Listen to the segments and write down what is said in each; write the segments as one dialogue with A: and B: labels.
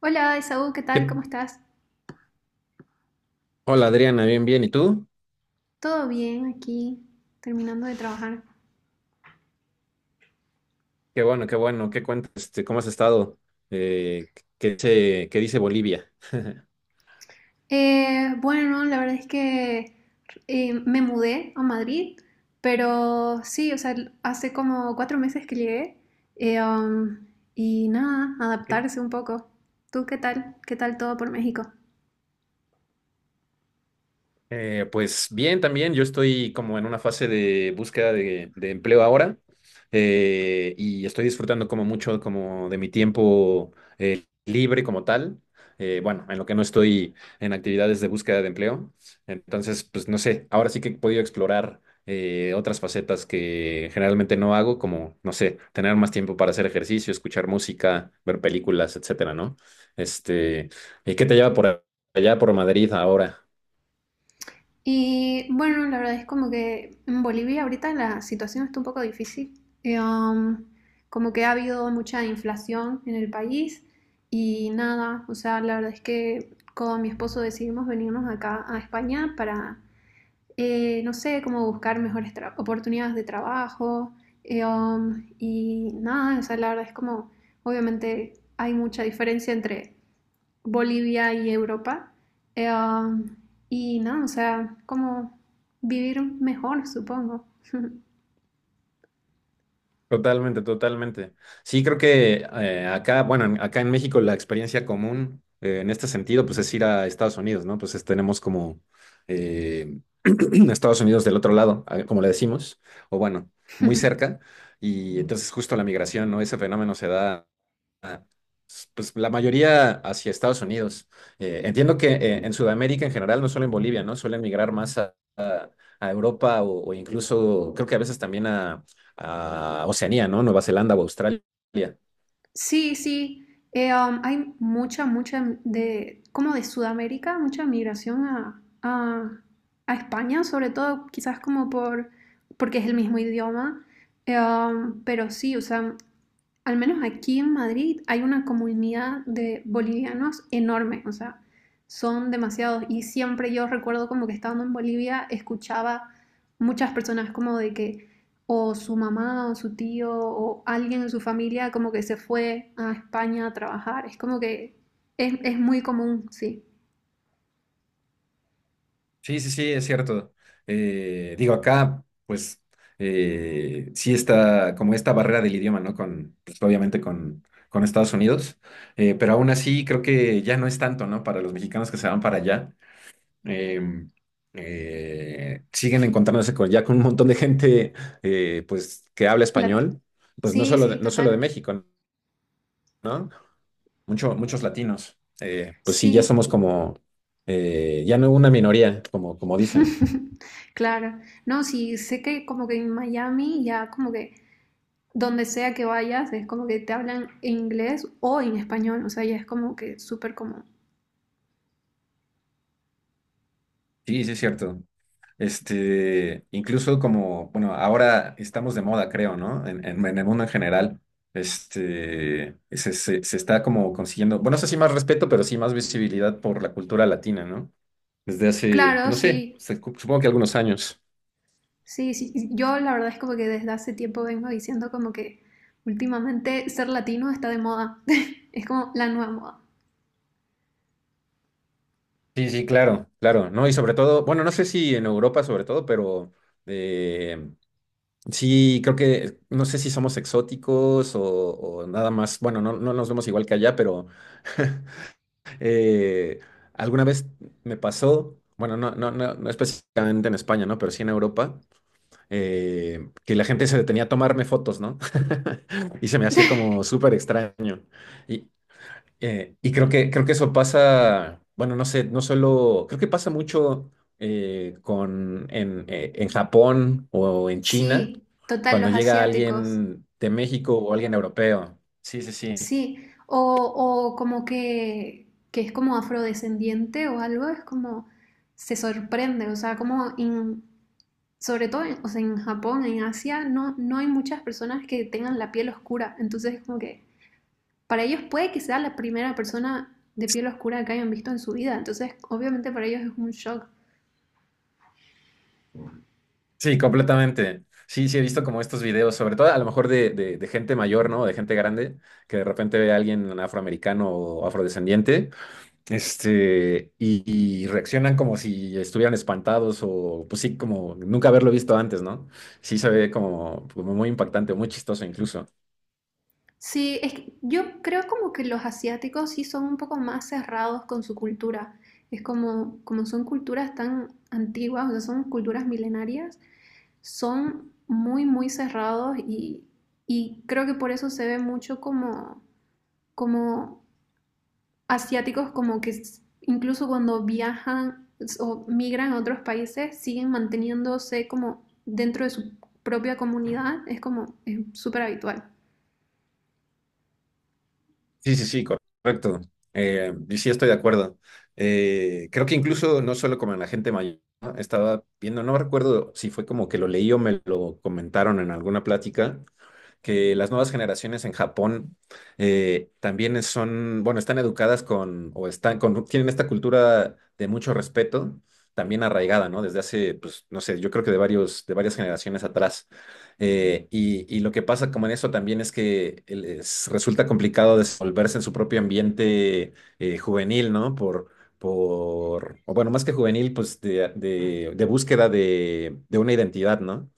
A: Hola, Esaú, ¿qué tal?
B: ¿Qué-
A: ¿Cómo estás?
B: Hola Adriana, bien, bien. ¿Y tú?
A: ¿Todo bien aquí? Terminando de trabajar.
B: Qué bueno, qué bueno. ¿Qué cuentas? ¿Cómo has estado? Eh, ¿qué dice Bolivia?
A: Bueno, la verdad es que me mudé a Madrid, pero sí, o sea, hace como 4 meses que llegué eh, um, y nada,
B: Ok.
A: adaptarse un poco. ¿Tú qué tal? ¿Qué tal todo por México?
B: Pues bien, también yo estoy como en una fase de búsqueda de empleo ahora, y estoy disfrutando como mucho como de mi tiempo, libre como tal. Bueno, en lo que no estoy en actividades de búsqueda de empleo. Entonces, pues no sé, ahora sí que he podido explorar otras facetas que generalmente no hago, como, no sé, tener más tiempo para hacer ejercicio, escuchar música, ver películas, etcétera, ¿no? Este, ¿Y qué te lleva por allá, por Madrid ahora?
A: Y bueno, la verdad es como que en Bolivia ahorita la situación está un poco difícil. Eh, um, Como que ha habido mucha inflación en el país y nada, o sea, la verdad es que con mi esposo decidimos venirnos acá a España para, no sé, como buscar mejores oportunidades de trabajo. Y nada, o sea, la verdad es como, obviamente hay mucha diferencia entre Bolivia y Europa. Eh, um, y no, o sea, como vivir mejor, supongo.
B: Totalmente, totalmente. Sí, creo que acá, bueno, acá en México la experiencia común, en este sentido, pues es ir a Estados Unidos, ¿no? Tenemos como, eh, Estados Unidos del otro lado, como le decimos, o bueno, muy cerca, y entonces justo la migración, ¿no? Ese fenómeno se da pues la mayoría hacia Estados Unidos. Entiendo que en Sudamérica en general, no solo en Bolivia, ¿no? Suelen migrar más a Europa o incluso creo que a veces también a Oceanía, ¿no? Nueva Zelanda o Australia.
A: Sí, sí. Hay mucha, como de Sudamérica, mucha migración a España, sobre todo quizás como porque es el mismo idioma. Pero sí, o sea, al menos aquí en Madrid, hay una comunidad de bolivianos enorme, o sea, son demasiados. Y siempre yo recuerdo como que estando en Bolivia escuchaba muchas personas como de que o su mamá o su tío o alguien en su familia como que se fue a España a trabajar. Es como que es muy común, sí.
B: Sí, sí, sí, es cierto. Digo, acá, pues, sí está como esta barrera del idioma, ¿no? Con, pues, obviamente con Estados Unidos. Pero aún así creo que ya no es tanto, ¿no? Para los mexicanos que se van para allá. eh, Siguen encontrándose con, ya con un montón de gente, pues, que habla
A: La-
B: español, pues no
A: Sí,
B: solo de,
A: sí,
B: no solo de
A: total.
B: México, ¿no? Muchos latinos. Pues sí, ya
A: Sí.
B: somos como, ya no una minoría, como, como dicen.
A: Claro. No, sí, sé que como que en Miami ya como que donde sea que vayas, es como que te hablan en inglés o en español, o sea, ya es como que súper común.
B: Sí, sí, es cierto. Incluso como, bueno, ahora estamos de moda, creo, ¿no? En, en el mundo en general. Se está como consiguiendo, bueno, no sé si más respeto, pero sí más visibilidad por la cultura latina, ¿no? Desde hace, pues,
A: Claro,
B: no sé,
A: sí,
B: supongo que algunos años.
A: sí, sí, yo la verdad es como que desde hace tiempo vengo diciendo como que últimamente ser latino está de moda, es como la nueva moda.
B: Sí, sí, claro, claro, ¿no? Y sobre todo, bueno, no sé si en Europa sobre todo, pero eh, sí, creo que, no sé si somos exóticos o nada más, bueno, no, no nos vemos igual que allá, pero eh, alguna vez me pasó, bueno, no, no, no, no específicamente en España, ¿no? Pero sí en Europa, que la gente se detenía a tomarme fotos, ¿no? Y se me hacía como súper extraño. Y, y creo que eso pasa, bueno, no sé, no solo, creo que pasa mucho con, en Japón o en China,
A: Sí, total,
B: cuando
A: los
B: llega
A: asiáticos,
B: alguien de México o alguien europeo. Sí, sí, sí.
A: sí, o, o como que es como afrodescendiente o algo, es como se sorprende, o sea, sobre todo, o sea, en Japón, en Asia, no hay muchas personas que tengan la piel oscura. Entonces, es como que para ellos puede que sea la primera persona de piel oscura que hayan visto en su vida. Entonces, obviamente para ellos es un shock.
B: Sí, completamente. Sí, sí, he visto como estos videos, sobre todo a lo mejor de gente mayor, ¿no? De gente grande, que de repente ve a alguien afroamericano o afrodescendiente. Y, y reaccionan como si estuvieran espantados o pues sí, como nunca haberlo visto antes, ¿no? Sí se ve como, como muy impactante, muy chistoso incluso.
A: Sí, es que yo creo como que los asiáticos sí son un poco más cerrados con su cultura. Es como, como son culturas tan antiguas, o sea, son culturas milenarias, son muy cerrados y creo que por eso se ve mucho como, como asiáticos como que incluso cuando viajan o migran a otros países siguen manteniéndose como dentro de su propia comunidad, es como es súper habitual.
B: Sí, sí, sí, correcto. Y sí estoy de acuerdo. Creo que incluso no solo como en la gente mayor, ¿no? Estaba viendo, no recuerdo si fue como que lo leí o me lo comentaron en alguna plática, que las nuevas generaciones en Japón también son, bueno, están educadas con, o están con, tienen esta cultura de mucho respeto, también arraigada, ¿no? Desde hace, pues, no sé, yo creo que de varios, de varias generaciones atrás. Y, y lo que pasa como en eso también es que les resulta complicado desenvolverse en su propio ambiente juvenil, ¿no? Por, o bueno, más que juvenil, pues de, de búsqueda de una identidad, ¿no?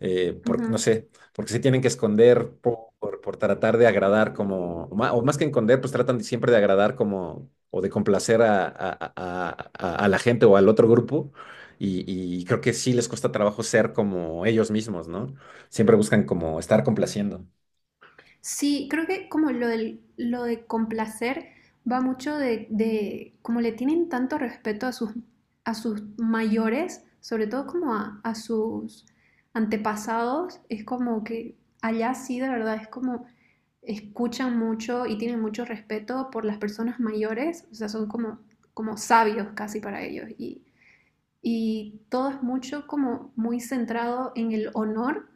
B: No
A: Ujú.
B: sé, porque se tienen que esconder por tratar de agradar como, o o más que esconder, pues tratan siempre de agradar como, o de complacer a la gente o al otro grupo. Y, y creo que sí les cuesta trabajo ser como ellos mismos, ¿no? Siempre buscan como estar complaciendo.
A: Sí, creo que como lo de complacer va mucho de como le tienen tanto respeto a sus mayores, sobre todo como a sus antepasados, es como que allá sí de verdad es como escuchan mucho y tienen mucho respeto por las personas mayores, o sea, son como, como sabios casi para ellos y todo es mucho como muy centrado en el honor,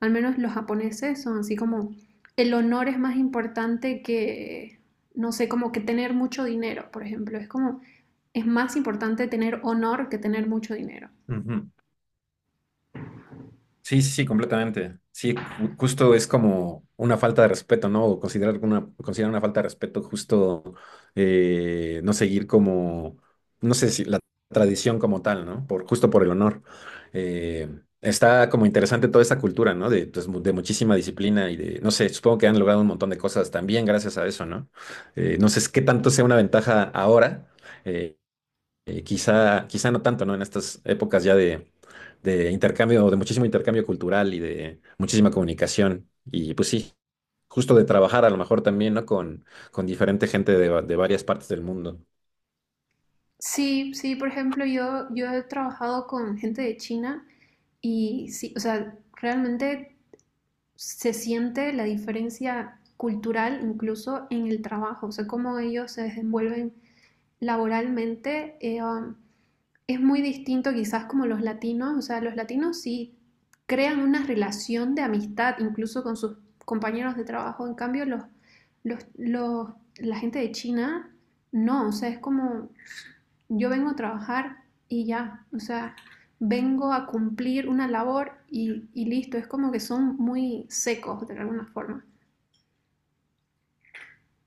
A: al menos los japoneses son así como el honor es más importante que, no sé, como que tener mucho dinero, por ejemplo, es como es más importante tener honor que tener mucho dinero.
B: Ujú. Sí, sí, sí, completamente. Sí, justo es como una falta de respeto, ¿no? O considerar una falta de respeto justo, no seguir como, no sé si la tradición como tal, ¿no? Por, justo por el honor. Eh, Está como interesante toda esta cultura, ¿no? De, pues, de muchísima disciplina y de, no sé, supongo que han logrado un montón de cosas también gracias a eso, ¿no? No sé es qué tanto sea una ventaja ahora. eh, Quizá, quizá no tanto, ¿no? En estas épocas ya de intercambio, de muchísimo intercambio cultural y de muchísima comunicación. Y pues sí, justo de trabajar a lo mejor también, ¿no? Con diferente gente de, de varias partes del mundo.
A: Sí, sí, por ejemplo, yo he trabajado con gente de China y sí, o sea, realmente se siente la diferencia cultural incluso en el trabajo, o sea, cómo ellos se desenvuelven laboralmente es muy distinto quizás como los latinos, o sea, los latinos sí crean una relación de amistad incluso con sus compañeros de trabajo, en cambio los la gente de China no, o sea, es como yo vengo a trabajar y ya, o sea, vengo a cumplir una labor y listo, es como que son muy secos de alguna forma.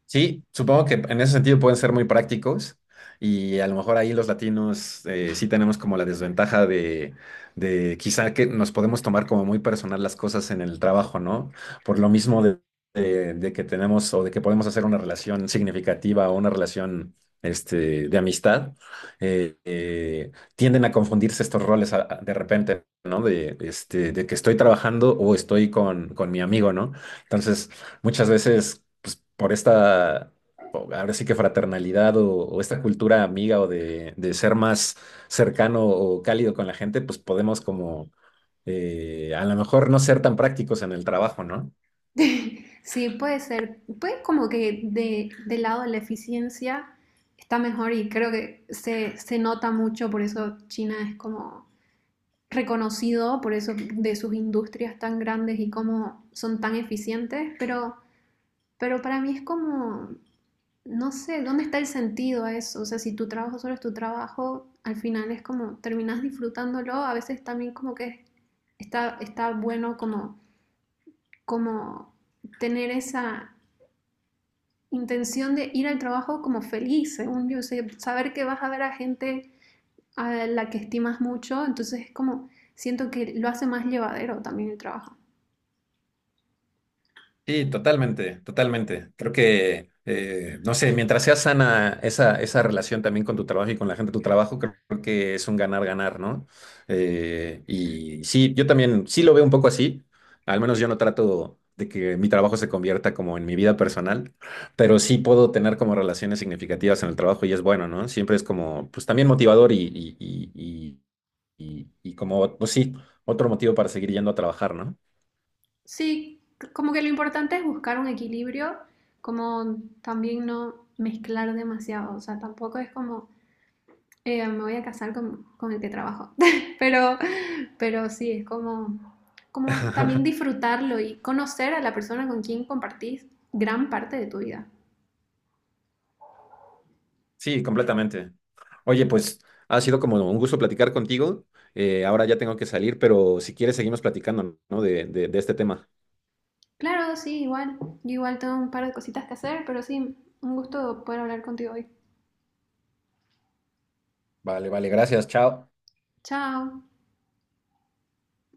B: Sí, supongo que en ese sentido pueden ser muy prácticos y a lo mejor ahí los latinos, sí tenemos como la desventaja de- quizá que nos podemos tomar como muy personal las cosas en el trabajo, ¿no? Por lo mismo de, de que tenemos o de que podemos hacer una relación significativa o una relación, de amistad. eh, eh, Tienden a confundirse estos roles de repente, ¿no? De, este, de que estoy trabajando o estoy con mi amigo, ¿no? Entonces muchas veces, pues por esta, ahora sí que fraternalidad o esta cultura amiga o de ser más cercano o cálido con la gente, pues podemos como, a lo mejor no ser tan prácticos en el trabajo, ¿no?
A: Sí, puede ser. Puede como que de, del lado de la eficiencia está mejor y creo que se nota mucho, por eso China es como reconocido, por eso de sus industrias tan grandes y cómo son tan eficientes, pero para mí es como, no sé, ¿dónde está el sentido a eso? O sea, si tu trabajo solo es tu trabajo, al final es como terminas disfrutándolo, a veces también como que está bueno como, como tener esa intención de ir al trabajo como feliz, según yo, o sea, saber que vas a ver a gente a la que estimas mucho, entonces es como, siento que lo hace más llevadero también el trabajo.
B: Sí, totalmente, totalmente. Creo que, no sé, mientras sea sana esa, esa relación también con tu trabajo y con la gente de tu trabajo, creo que es un ganar-ganar, ¿no? Y sí, yo también sí lo veo un poco así. Al menos yo no trato de que mi trabajo se convierta como en mi vida personal, pero sí puedo tener como relaciones significativas en el trabajo y es bueno, ¿no? Siempre es como, pues también motivador y como, pues sí, otro motivo para seguir yendo a trabajar, ¿no?
A: Sí, como que lo importante es buscar un equilibrio, como también no mezclar demasiado, o sea, tampoco es como, me voy a casar con el que trabajo, pero, pero sí, es como, como también disfrutarlo y conocer a la persona con quien compartís gran parte de tu vida.
B: Sí, completamente. Oye, pues ha sido como un gusto platicar contigo. Ahora ya tengo que salir, pero si quieres seguimos platicando, ¿no? De este tema.
A: Claro, sí, igual. Yo igual tengo un par de cositas que hacer, pero sí, un gusto poder hablar contigo hoy.
B: Vale, vale, gracias, chao.
A: Chao.